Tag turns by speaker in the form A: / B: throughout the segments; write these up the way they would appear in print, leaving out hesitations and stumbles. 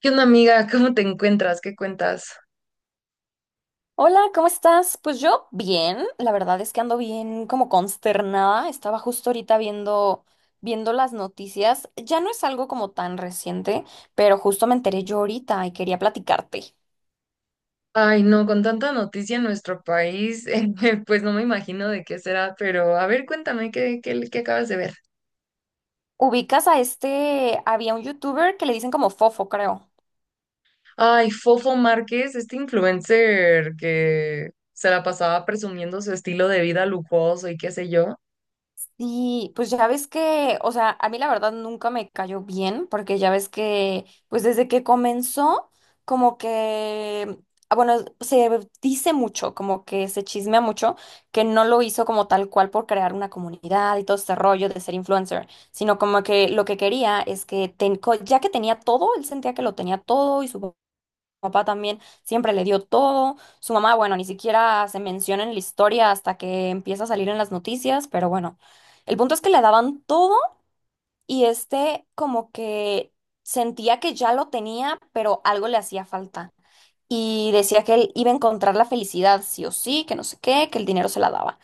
A: ¿Qué onda, amiga? ¿Cómo te encuentras? ¿Qué cuentas?
B: Hola, ¿cómo estás? Pues yo bien, la verdad es que ando bien como consternada. Estaba justo ahorita viendo las noticias. Ya no es algo como tan reciente, pero justo me enteré yo ahorita y quería platicarte.
A: Ay, no, con tanta noticia en nuestro país, pues no me imagino de qué será, pero a ver, cuéntame, ¿qué acabas de ver?
B: ¿Ubicas a este? Había un youtuber que le dicen como Fofo, creo.
A: Ay, Fofo Márquez, este influencer que se la pasaba presumiendo su estilo de vida lujoso y qué sé yo.
B: Sí, pues ya ves que, o sea, a mí la verdad nunca me cayó bien, porque ya ves que, pues desde que comenzó, como que, ah, bueno, se dice mucho, como que se chismea mucho, que no lo hizo como tal cual por crear una comunidad y todo este rollo de ser influencer, sino como que lo que quería es que, ya que tenía todo, él sentía que lo tenía todo y su papá también siempre le dio todo. Su mamá, bueno, ni siquiera se menciona en la historia hasta que empieza a salir en las noticias, pero bueno, el punto es que le daban todo y este como que sentía que ya lo tenía, pero algo le hacía falta. Y decía que él iba a encontrar la felicidad sí o sí, que no sé qué, que el dinero se la daba.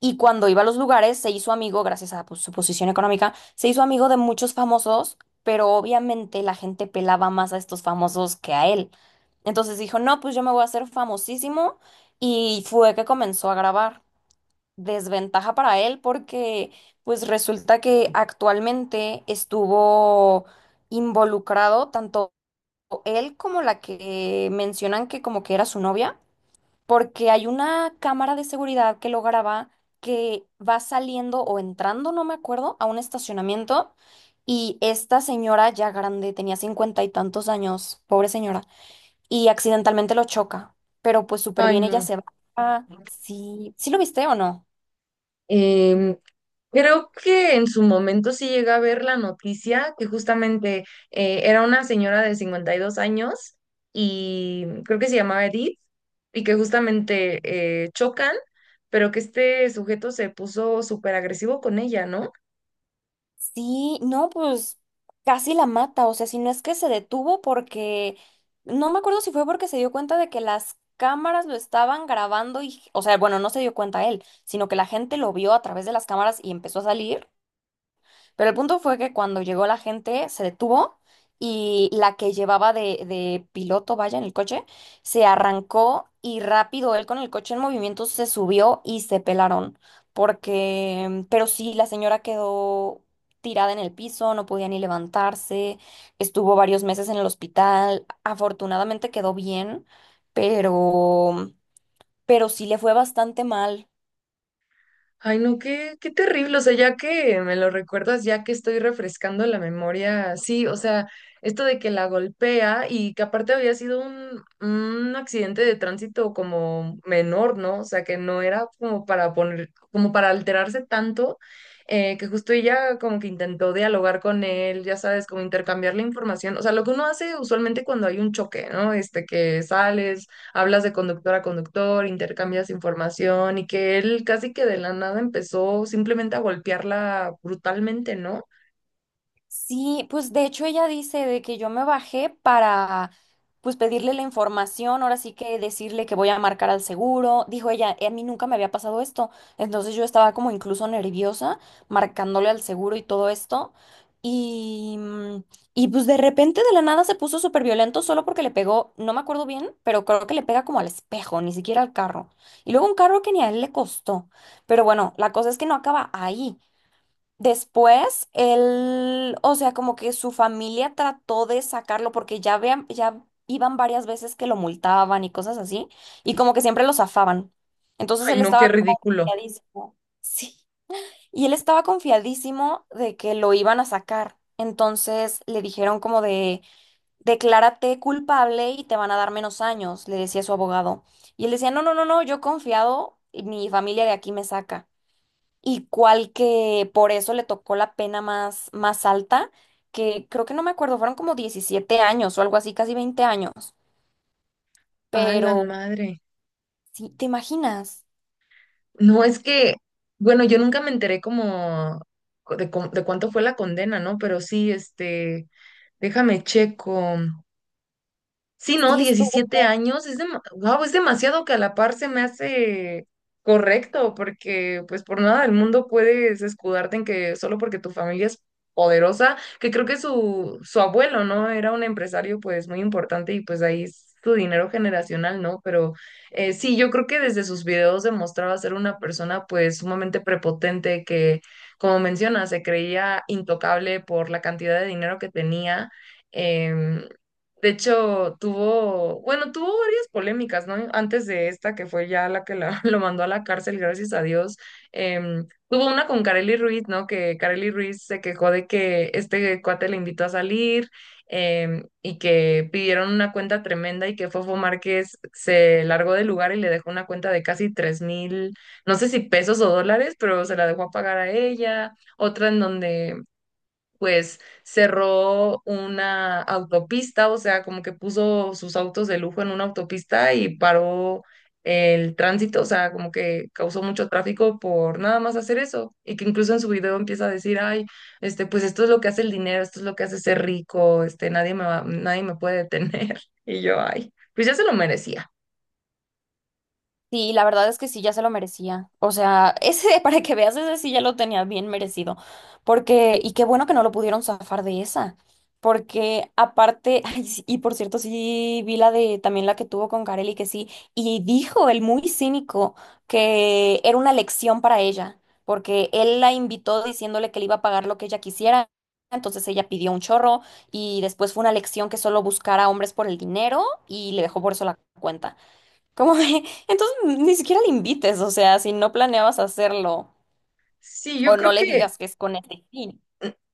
B: Y cuando iba a los lugares, se hizo amigo, gracias a pues, su posición económica, se hizo amigo de muchos famosos, pero obviamente la gente pelaba más a estos famosos que a él. Entonces dijo, no, pues yo me voy a hacer famosísimo y fue que comenzó a grabar. Desventaja para él porque pues resulta que actualmente estuvo involucrado tanto él como la que mencionan que como que era su novia, porque hay una cámara de seguridad que lo graba, que va saliendo o entrando, no me acuerdo, a un estacionamiento, y esta señora ya grande, tenía cincuenta y tantos años, pobre señora, y accidentalmente lo choca, pero pues súper
A: Ay,
B: bien, ella
A: no.
B: se va. Sí, ¿sí lo viste o no?
A: Em, Creo que en su momento sí llegué a ver la noticia que justamente era una señora de 52 años y creo que se llamaba Edith y que justamente chocan, pero que este sujeto se puso súper agresivo con ella, ¿no?
B: Sí, no, pues casi la mata, o sea, si no es que se detuvo porque, no me acuerdo si fue porque se dio cuenta de que las cámaras lo estaban grabando y, o sea, bueno, no se dio cuenta él, sino que la gente lo vio a través de las cámaras y empezó a salir, pero el punto fue que cuando llegó la gente se detuvo y la que llevaba de piloto, vaya, en el coche, se arrancó y rápido él con el coche en movimiento se subió y se pelaron. Porque, pero sí, la señora quedó tirada en el piso, no podía ni levantarse, estuvo varios meses en el hospital, afortunadamente quedó bien, pero, pero sí le fue bastante mal.
A: Ay, no, qué, qué terrible. O sea, ya que me lo recuerdas, ya que estoy refrescando la memoria, sí, o sea, esto de que la golpea y que aparte había sido un accidente de tránsito como menor, ¿no? O sea, que no era como para poner, como para alterarse tanto, que justo ella como que intentó dialogar con él, ya sabes, como intercambiar la información. O sea, lo que uno hace usualmente cuando hay un choque, ¿no? Este, que sales hablas de conductor a conductor, intercambias información y que él casi que de la nada empezó simplemente a golpearla brutalmente, ¿no?
B: Sí, pues de hecho ella dice de que yo me bajé para pues pedirle la información, ahora sí que decirle que voy a marcar al seguro. Dijo ella, a mí nunca me había pasado esto. Entonces yo estaba como incluso nerviosa marcándole al seguro y todo esto. Y, y pues de repente de la nada se puso súper violento solo porque le pegó, no me acuerdo bien, pero creo que le pega como al espejo, ni siquiera al carro. Y luego un carro que ni a él le costó. Pero bueno, la cosa es que no acaba ahí. Después, él, o sea, como que su familia trató de sacarlo porque ya vean, ya iban varias veces que lo multaban y cosas así, y como que siempre lo zafaban. Entonces
A: Ay,
B: él
A: no, qué
B: estaba como
A: ridículo.
B: confiadísimo. Sí. Y él estaba confiadísimo de que lo iban a sacar. Entonces le dijeron como de, declárate culpable y te van a dar menos años, le decía su abogado. Y él decía, no, no, no, no, yo confiado, mi familia de aquí me saca, y cuál que por eso le tocó la pena más, más alta, que creo que no me acuerdo, fueron como 17 años o algo así, casi 20 años.
A: A la
B: Pero,
A: madre.
B: sí, ¿te imaginas?
A: No, es que, bueno, yo nunca me enteré como de cuánto fue la condena, ¿no? Pero sí, este, déjame checo. Sí, no,
B: Sí estuvo.
A: 17 años, es, guau, es demasiado que a la par se me hace correcto, porque pues por nada del mundo puedes escudarte en que solo porque tu familia es poderosa, que creo que su abuelo, ¿no? Era un empresario pues muy importante y pues ahí es su dinero generacional, ¿no? Pero sí, yo creo que desde sus videos demostraba ser una persona pues sumamente prepotente que, como menciona, se creía intocable por la cantidad de dinero que tenía. em, de hecho, tuvo, bueno, tuvo varias polémicas, ¿no? Antes de esta, que fue ya la lo mandó a la cárcel, gracias a Dios. Tuvo una con Kareli Ruiz, ¿no? Que Kareli Ruiz se quejó de que este cuate le invitó a salir y que pidieron una cuenta tremenda y que Fofo Márquez se largó del lugar y le dejó una cuenta de casi 3000, no sé si pesos o dólares, pero se la dejó a pagar a ella. Otra en donde pues cerró una autopista, o sea, como que puso sus autos de lujo en una autopista y paró el tránsito, o sea, como que causó mucho tráfico por nada más hacer eso. Y que incluso en su video empieza a decir, ay, este, pues esto es lo que hace el dinero, esto es lo que hace ser rico, este, nadie me puede detener. Y yo, ay, pues ya se lo merecía.
B: Sí, la verdad es que sí, ya se lo merecía. O sea, ese, para que veas, ese sí ya lo tenía bien merecido. Porque, y qué bueno que no lo pudieron zafar de esa. Porque aparte, ay, sí, y por cierto, sí vi la de también la que tuvo con Carelli, que sí, y dijo el muy cínico que era una lección para ella, porque él la invitó diciéndole que le iba a pagar lo que ella quisiera. Entonces ella pidió un chorro y después fue una lección que solo buscara hombres por el dinero y le dejó por eso la cuenta. Como de, entonces ni siquiera le invites, o sea, si no planeabas hacerlo
A: Sí, yo
B: o no
A: creo
B: le
A: que
B: digas que es con este fin.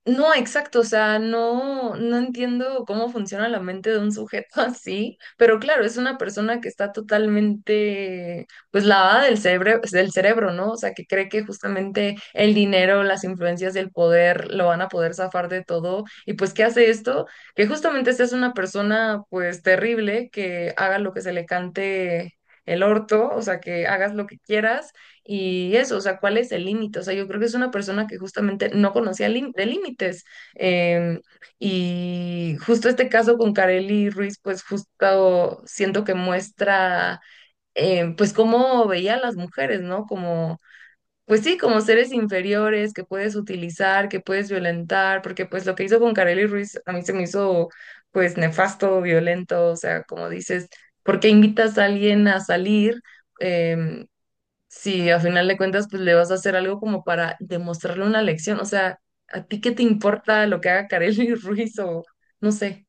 A: no, exacto, o sea, no, no entiendo cómo funciona la mente de un sujeto así, pero claro, es una persona que está totalmente, pues, lavada del cerebro, ¿no? O sea, que cree que justamente el dinero, las influencias del poder lo van a poder zafar de todo. Y pues, ¿qué hace esto? Que justamente seas una persona, pues, terrible, que haga lo que se le cante el orto, o sea, que hagas lo que quieras y eso, o sea, ¿cuál es el límite? O sea, yo creo que es una persona que justamente no conocía lim- de límites. Em, y justo este caso con Kareli Ruiz, pues justo siento que muestra, pues cómo veía a las mujeres, ¿no? Como, pues sí, como seres inferiores que puedes utilizar, que puedes violentar, porque pues lo que hizo con Kareli Ruiz a mí se me hizo, pues, nefasto, violento, o sea, como dices, ¿por qué invitas a alguien a salir? em, si a final de cuentas pues le vas a hacer algo como para demostrarle una lección, o sea, ¿a ti qué te importa lo que haga Kareli Ruiz o no sé?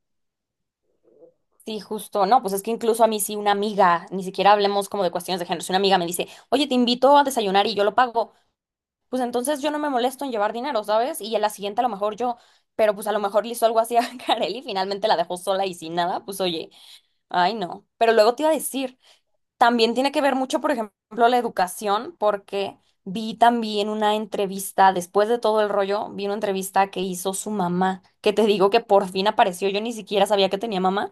B: Sí, justo, no, pues es que incluso a mí sí una amiga, ni siquiera hablemos como de cuestiones de género, si una amiga me dice, oye, te invito a desayunar y yo lo pago, pues entonces yo no me molesto en llevar dinero, ¿sabes? Y a la siguiente a lo mejor yo, pero pues a lo mejor le hizo algo así a Kareli y finalmente la dejó sola y sin nada, pues oye, ay no. Pero luego te iba a decir. También tiene que ver mucho, por ejemplo, la educación, porque vi también una entrevista, después de todo el rollo, vi una entrevista que hizo su mamá, que te digo que por fin apareció, yo ni siquiera sabía que tenía mamá,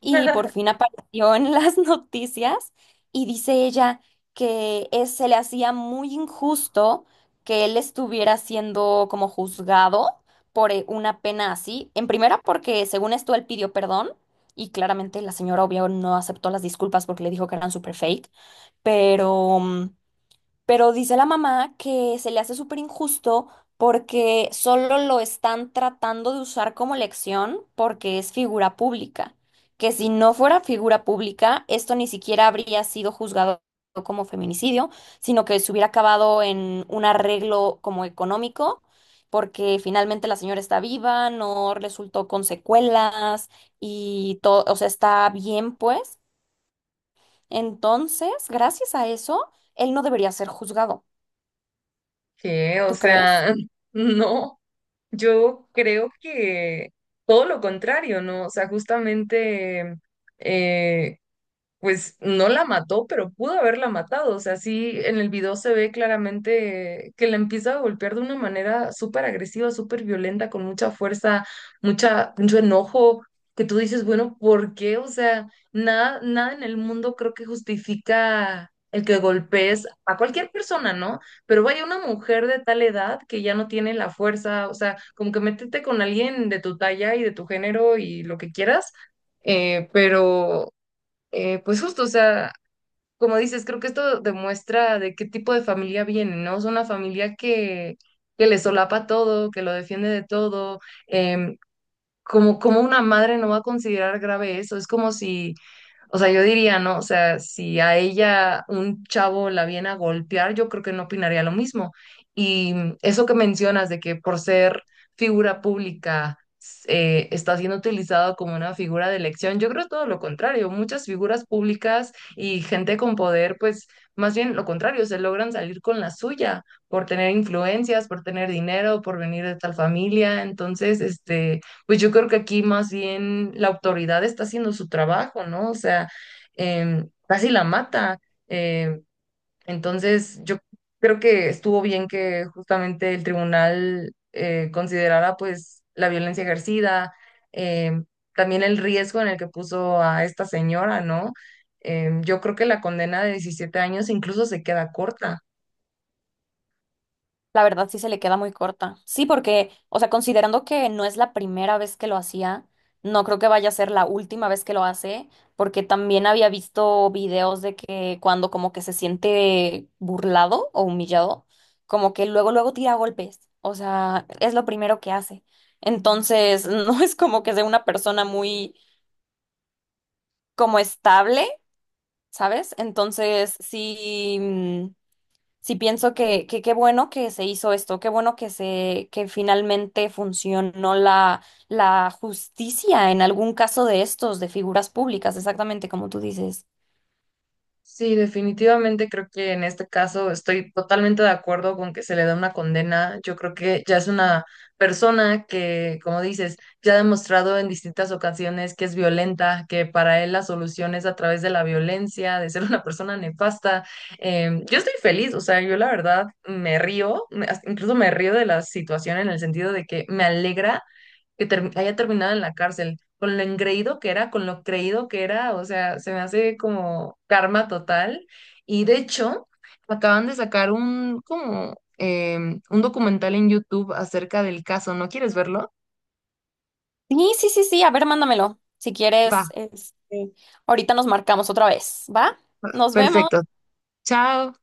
B: y por fin apareció en las noticias y dice ella que se le hacía muy injusto que él estuviera siendo como juzgado por una pena así, en primera porque según esto él pidió perdón. Y claramente la señora obvio no aceptó las disculpas porque le dijo que eran super fake, pero pero dice la mamá que se le hace súper injusto porque solo lo están tratando de usar como lección porque es figura pública. Que si no fuera figura pública, esto ni siquiera habría sido juzgado como feminicidio, sino que se hubiera acabado en un arreglo como económico, porque finalmente la señora está viva, no resultó con secuelas y todo, o sea, está bien pues. Entonces, gracias a eso, él no debería ser juzgado.
A: ¿Qué? O
B: ¿Tú crees?
A: sea, no, yo creo que todo lo contrario, ¿no? O sea, justamente eh, pues no la mató, pero pudo haberla matado. O sea, sí, en el video se ve claramente que la empieza a golpear de una manera súper agresiva, súper violenta, con mucha fuerza, mucha, mucho enojo, que tú dices, bueno, ¿por qué? O sea, nada, nada en el mundo creo que justifica el que golpees a cualquier persona, ¿no? Pero vaya una mujer de tal edad que ya no tiene la fuerza, o sea, como que métete con alguien de tu talla y de tu género y lo que quieras. Pero pues justo, o sea, como dices, creo que esto demuestra de qué tipo de familia viene, ¿no? Es una familia que le solapa todo, que lo defiende de todo. em, Como, como una madre no va a considerar grave eso. Es como si o sea, yo diría, ¿no? O sea, si a ella un chavo la viene a golpear, yo creo que no opinaría lo mismo. Y eso que mencionas de que por ser figura pública está siendo utilizado como una figura de elección, yo creo es todo lo contrario. Muchas figuras públicas y gente con poder, pues más bien lo contrario, se logran salir con la suya por tener influencias, por tener dinero, por venir de tal familia. Entonces, este... Pues yo creo que aquí más bien la autoridad está haciendo su trabajo, ¿no? O sea, casi la mata. Em, entonces, yo creo que estuvo bien que justamente el tribunal considerara pues la violencia ejercida, em, también el riesgo en el que puso a esta señora, ¿no? Yo creo que la condena de 17 años incluso se queda corta.
B: La verdad sí se le queda muy corta. Sí, porque, o sea, considerando que no es la primera vez que lo hacía, no creo que vaya a ser la última vez que lo hace, porque también había visto videos de que cuando como que se siente burlado o humillado, como que luego, luego tira golpes. O sea, es lo primero que hace. Entonces, no es como que sea una persona muy como estable, ¿sabes? Entonces, sí. Sí pienso que qué bueno que se hizo esto, qué bueno que se, que finalmente funcionó la, la justicia en algún caso de estos, de figuras públicas, exactamente como tú dices.
A: Sí, definitivamente creo que en este caso estoy totalmente de acuerdo con que se le da una condena. Yo creo que ya es una persona que, como dices, ya ha demostrado en distintas ocasiones que es violenta, que para él la solución es a través de la violencia, de ser una persona nefasta. Yo estoy feliz, o sea, yo la verdad me río, hasta incluso me río de la situación en el sentido de que me alegra que haya terminado en la cárcel, con lo engreído que era, con lo creído que era, o sea, se me hace como karma total. Y de hecho, acaban de sacar un, como, un documental en YouTube acerca del caso. ¿No quieres verlo?
B: Sí, sí, sí, sí, a ver, mándamelo. Si
A: Va,
B: quieres, este, ahorita nos marcamos otra vez, ¿va? Nos vemos.
A: perfecto. Chao.